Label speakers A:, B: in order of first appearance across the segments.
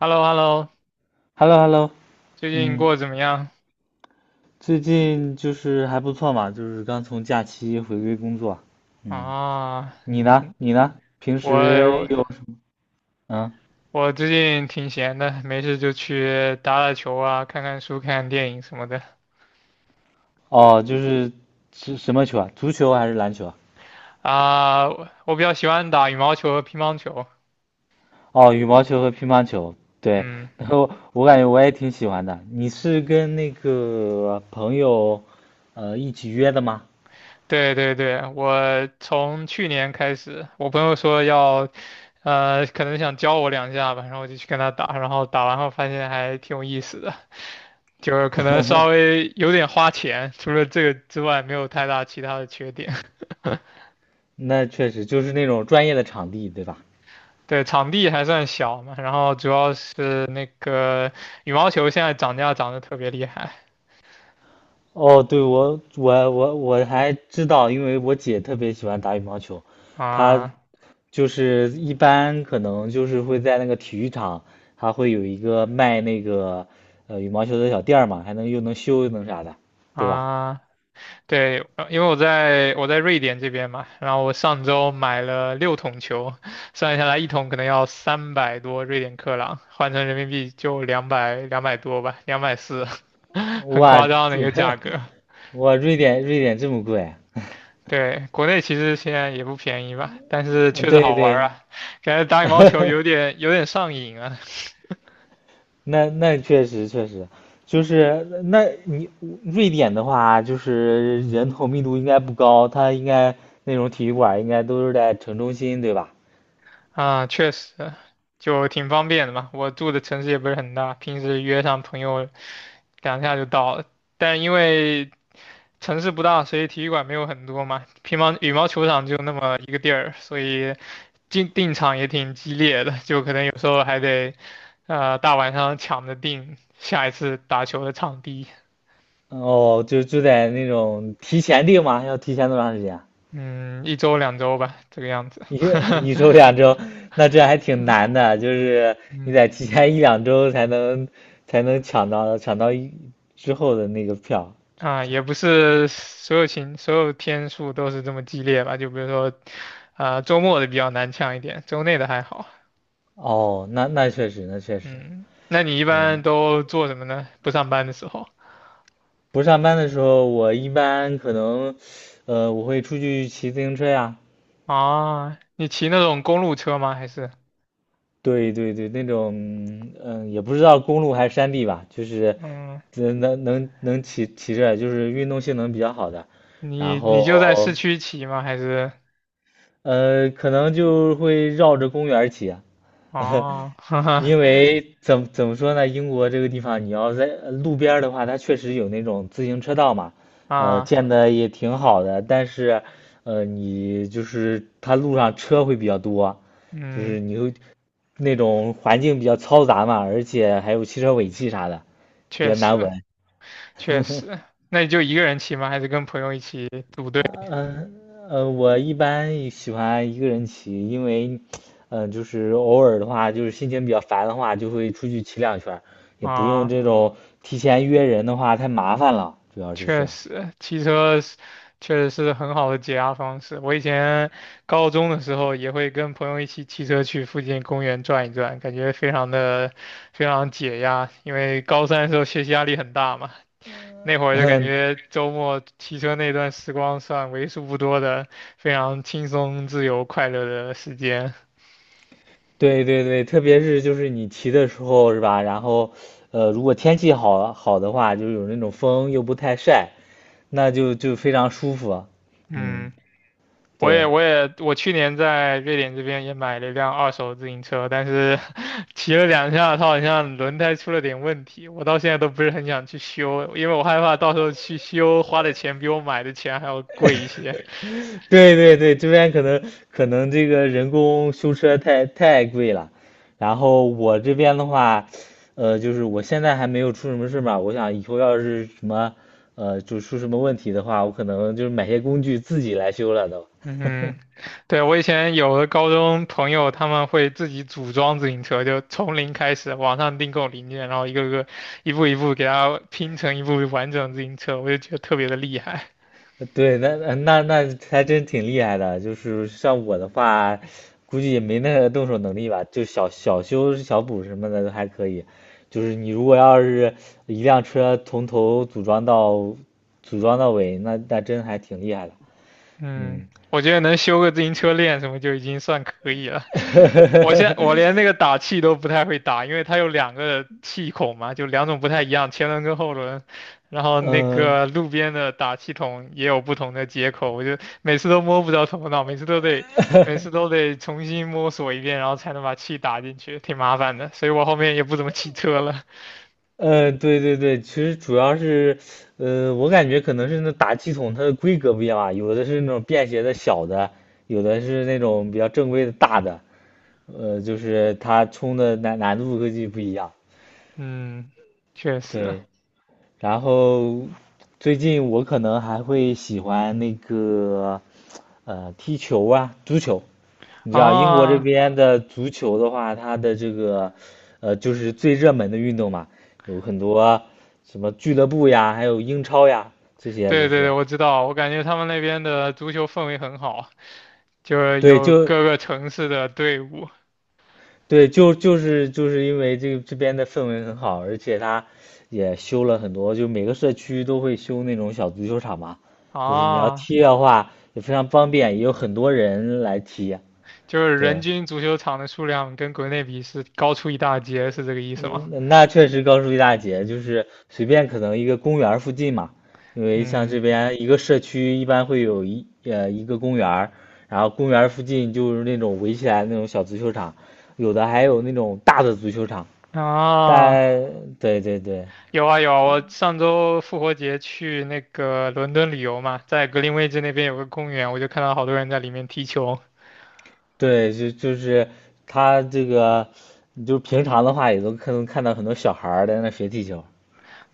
A: h e l l o h e l l o。
B: h e l l o h e l l o
A: 最近
B: 嗯，
A: 过得怎么样？
B: 最近就是还不错嘛，就是刚从假期回归工作。嗯，
A: 啊，
B: 你呢？
A: 嗯
B: 你呢？平时
A: 我
B: 有，嗯
A: 我最近挺闲的，没事就去打打球啊，看看书、看看电影什么的。
B: 哦，就是是什么球啊？足球还是篮球啊？
A: 啊，我比较喜欢打羽毛球和乒乓球。
B: 哦，羽毛球和乒乓球。对，
A: 嗯，
B: 然后我感觉我也挺喜欢的。你是跟那个朋友一起约的吗？
A: 对对对，我从去年开始，我朋友说要，可能想教我两下吧，然后我就去跟他打，然后打完后发现还挺有意思的，就是可能稍微有点花钱，除了这个之外，没有太大其他的缺点。
B: 那确实就是那种专业的场地，对吧？
A: 对，场地还算小嘛，然后主要是那个羽毛球现在涨价涨得特别厉害
B: 哦，对，我还知道，因为我姐特别喜欢打羽毛球。她
A: 啊
B: 就是一般可能就是会在那个体育场，她会有一个卖那个羽毛球的小店儿嘛，还能又能修又能啥的，对吧？
A: 啊！对，因为我在瑞典这边嘛，然后我上周买了6桶球，算下来一桶可能要300多瑞典克朗，换成人民币就两百200多吧，240，很
B: 哇，
A: 夸张的
B: 这
A: 一个价格。
B: 哇，瑞典这么贵啊？
A: 对，国内其实现在也不便宜吧，但是 确实
B: 对
A: 好玩儿
B: 对，
A: 啊，感觉打羽毛球有 点有点上瘾啊。
B: 那确实确实。就是那你瑞典的话，就是人口密度应该不高，它应该那种体育馆应该都是在城中心，对吧？
A: 啊，确实，就挺方便的嘛。我住的城市也不是很大，平时约上朋友两下就到了。但因为城市不大，所以体育馆没有很多嘛。乒乓羽毛球场就那么一个地儿，所以订场也挺激烈的，就可能有时候还得，大晚上抢着订下一次打球的场地。
B: 哦，就在那种提前订吗？要提前多长时间啊？
A: 嗯，一周两周吧，这个样子。
B: 一一周两 周。那这还挺难的，就是你
A: 嗯
B: 得提前一两周才能抢到之后的那个票。
A: 啊，也不是所有天数都是这么激烈吧？就比如说，啊，周末的比较难抢一点，周内的还好。
B: 哦，那确实，那确实。
A: 嗯，那你一般
B: 嗯。
A: 都做什么呢？不上班的时候。
B: 不上班的时候，我一般可能，我会出去骑自行车呀。
A: 啊，你骑那种公路车吗？还是。
B: 对对对，那种。也不知道公路还是山地吧，就是
A: 嗯，
B: 能骑着，就是运动性能比较好的。然
A: 你就在市
B: 后，
A: 区骑吗？还是。
B: 可能就会绕着公园儿骑。
A: 哦，哈哈
B: 因为怎么说呢，英国这个地方，你要在路边儿的话，它确实有那种自行车道嘛，
A: 啊，
B: 建的也挺好的。但是，你就是它路上车会比较多，就
A: 嗯，
B: 是你会那种环境比较嘈杂嘛，而且还有汽车尾气啥的，比
A: 确
B: 较难
A: 实
B: 闻。
A: 确实，那你就一个人骑吗？还是跟朋友一起组队。
B: 嗯我一般喜欢一个人骑，因为，就是偶尔的话，就是心情比较烦的话，就会出去骑两圈儿，也不用
A: 啊？
B: 这种提前约人的话太麻烦了，主要就
A: 确
B: 是。
A: 实，骑车是确实是很好的解压方式。我以前高中的时候也会跟朋友一起骑车去附近公园转一转，感觉非常的非常解压。因为高三的时候学习压力很大嘛，那会 儿就感
B: 嗯，
A: 觉周末骑车那段时光算为数不多的非常轻松、自由、快乐的时间。
B: 对对对。特别是就是你骑的时候是吧？然后，如果天气好好的话，就有那种风又不太晒，那就非常舒服。嗯，
A: 嗯。
B: 对。
A: 我去年在瑞典这边也买了一辆二手自行车，但是 骑了两下，它好像轮胎出了点问题，我到现在都不是很想去修，因为我害怕到时候去修花的钱比我买的钱还要贵一些。
B: 对对对，这边可能，这个人工修车太贵了。然后我这边的话，就是我现在还没有出什么事嘛。我想以后要是什么，就出什么问题的话，我可能就是买些工具自己来修了都。
A: 嗯，对，我以前有的高中朋友他们会自己组装自行车，就从零开始，网上订购零件，然后一个个一步一步给它拼成一部完整的自行车，我就觉得特别的厉害。
B: 对，那还真挺厉害的。就是像我的话，估计也没那个动手能力吧，就小修小补什么的都还可以。就是你如果要是一辆车从头组装到尾，那真还挺厉害的。
A: 嗯，
B: 嗯
A: 我觉得能修个自行车链什么就已经算可以了。我连那个打气都不太会打，因为它有两个气孔嘛，就两种不太一样，前轮跟后轮。然后那
B: 嗯
A: 个路边的打气筒也有不同的接口，我就每次都摸不着头脑，每次都得重新摸索一遍，然后才能把气打进去，挺麻烦的。所以我后面也不怎么骑车了。
B: 呃，呃对对对。其实主要是，我感觉可能是那打气筒它的规格不一样吧，有的是那种便携的小的，有的是那种比较正规的大的。就是它冲的难度估计不一样。
A: 嗯，确实
B: 对。然后最近我可能还会喜欢那个踢球啊，足球。你知道英国这
A: 啊，
B: 边的足球的话，它的这个就是最热门的运动嘛，有很多什么俱乐部呀，还有英超呀这些。
A: 对
B: 就
A: 对对，
B: 是
A: 我知道，我感觉他们那边的足球氛围很好。就是
B: 对，
A: 有
B: 就
A: 各个城市的队伍
B: 对，就是因为这个这边的氛围很好，而且它也修了很多，就每个社区都会修那种小足球场嘛，就是你要
A: 啊，
B: 踢的话也非常方便，也有很多人来踢。
A: 就是人
B: 对。
A: 均足球场的数量跟国内比是高出一大截，是这个意思吗？
B: 嗯，那确实高出一大截。就是随便可能一个公园儿附近嘛，因为像
A: 嗯，
B: 这边一个社区一般会有一个公园儿，然后公园儿附近就是那种围起来那种小足球场，有的还有那种大的足球场，
A: 啊，
B: 但对对对。
A: 有啊有啊，我上周复活节去那个伦敦旅游嘛，在格林威治那边有个公园，我就看到好多人在里面踢球，
B: 对，就是他这个，就平常的话也都可能看到很多小孩儿在那学踢球。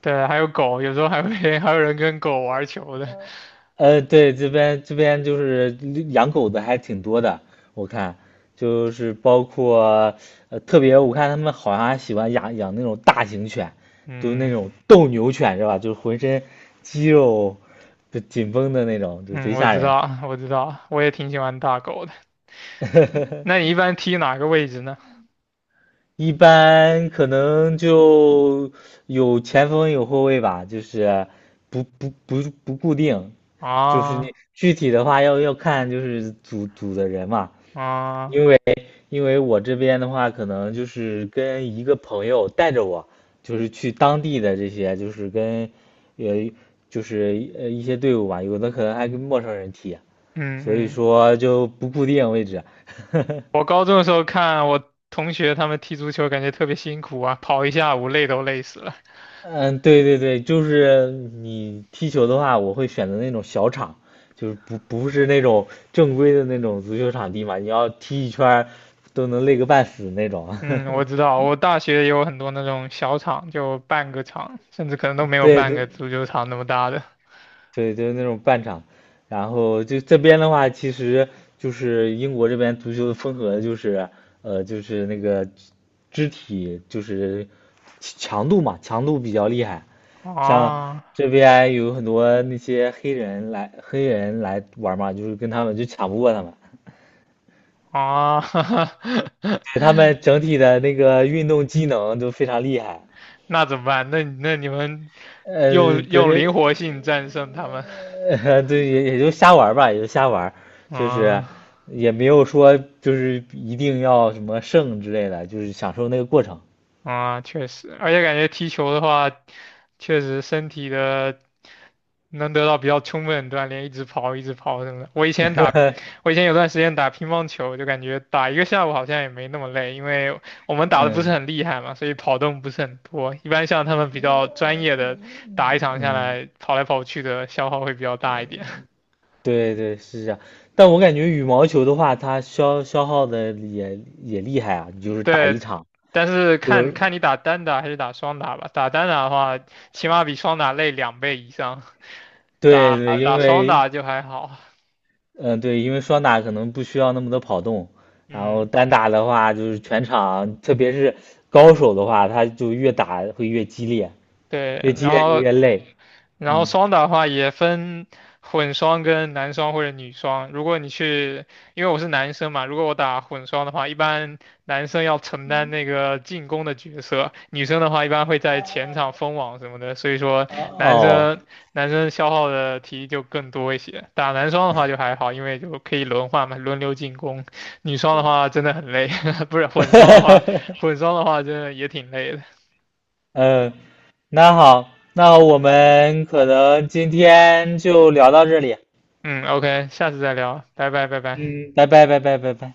A: 对，还有狗，有时候还会 还有人跟狗玩球的，
B: 对，这边就是养狗的还挺多的。我看就是包括，特别我看他们好像还喜欢养那种大型犬，就是那
A: 嗯
B: 种斗牛犬是吧？就是浑身肌肉就紧绷的那种，就
A: 嗯，
B: 贼
A: 我
B: 吓
A: 知
B: 人。
A: 道我知道，我也挺喜欢大狗的。那 你一般踢哪个位置呢？
B: 一般可能就有前锋有后卫吧，就是不固定。就是
A: 啊
B: 你具体的话要看就是组的人嘛。
A: 啊。
B: 因为因为我这边的话可能就是跟一个朋友带着我，就是去当地的这些就是跟呃就是一些队伍吧，有的可能还跟陌生人踢，所以
A: 嗯嗯，
B: 说就不固定位置。
A: 我高中的时候看我同学他们踢足球，感觉特别辛苦啊，跑一下午累都累死了。
B: 嗯，对对对。就是你踢球的话，我会选择那种小场，就是不是那种正规的那种足球场地嘛，你要踢一圈儿都能累个半死那种。
A: 嗯，我知道，我大学也有很多那种小场，就半个场，甚至可能都没有
B: 对
A: 半个
B: 对
A: 足球场那么大的。
B: 对，就是那种半场。然后就这边的话，其实就是英国这边足球的风格就是，就是那个肢体就是强度嘛，强度比较厉害。像
A: 啊
B: 这边有很多那些黑人来玩嘛，就是跟他们就抢不过他们，
A: 啊，
B: 对他们整体的那个运动机能都非常厉害。
A: 那怎么办？那你们用
B: 不
A: 用
B: 是，
A: 灵活性战胜他们。
B: 对，也就瞎玩吧，也就瞎玩，就是
A: 啊
B: 也没有说就是一定要什么胜之类的，就是享受那个过程。
A: 啊，确实，而且感觉踢球的话，确实身体的。能得到比较充分的锻炼，一直跑，一直跑什么的。我以前有段时间打乒乓球，就感觉打一个下午好像也没那么累，因为我们打的不是
B: 嗯
A: 很厉害嘛，所以跑动不是很多。一般像他们比较专业的，打一场下
B: 嗯，
A: 来跑来跑去的消耗会比较大一点。
B: 对对是这样。但我感觉羽毛球的话，它消耗的也厉害啊，就是打一
A: 对，
B: 场，
A: 但是
B: 就
A: 看
B: 是
A: 看你打单打还是打双打吧。打单打的话，起码比双打累2倍以上，打
B: 对对。因
A: 打双
B: 为，
A: 打就还好。
B: 嗯、对，因为双打可能不需要那么多跑动，然后
A: 嗯，
B: 单打的话就是全场，特别是高手的话，他就越打会越激烈，
A: 对，
B: 越激
A: 然
B: 烈就
A: 后。
B: 越累。
A: 然后
B: 嗯，
A: 双打的话也分混双跟男双或者女双。如果你去，因为我是男生嘛，如果我打混双的话，一般男生要承担那个进攻的角色，女生的话一般会在前场封网什么的，所以说
B: 哦
A: 男
B: 哦
A: 生男生消耗的体力就更多一些。打男双的话就还好，因为就可以轮换嘛，轮流进攻。女双的话真的很累，不是混双的话，混双的话真的也挺累的。
B: 嗯，那好，那我们可能今天就聊到这里。
A: 嗯，OK，下次再聊，拜拜拜拜。
B: 嗯，拜拜拜拜拜拜。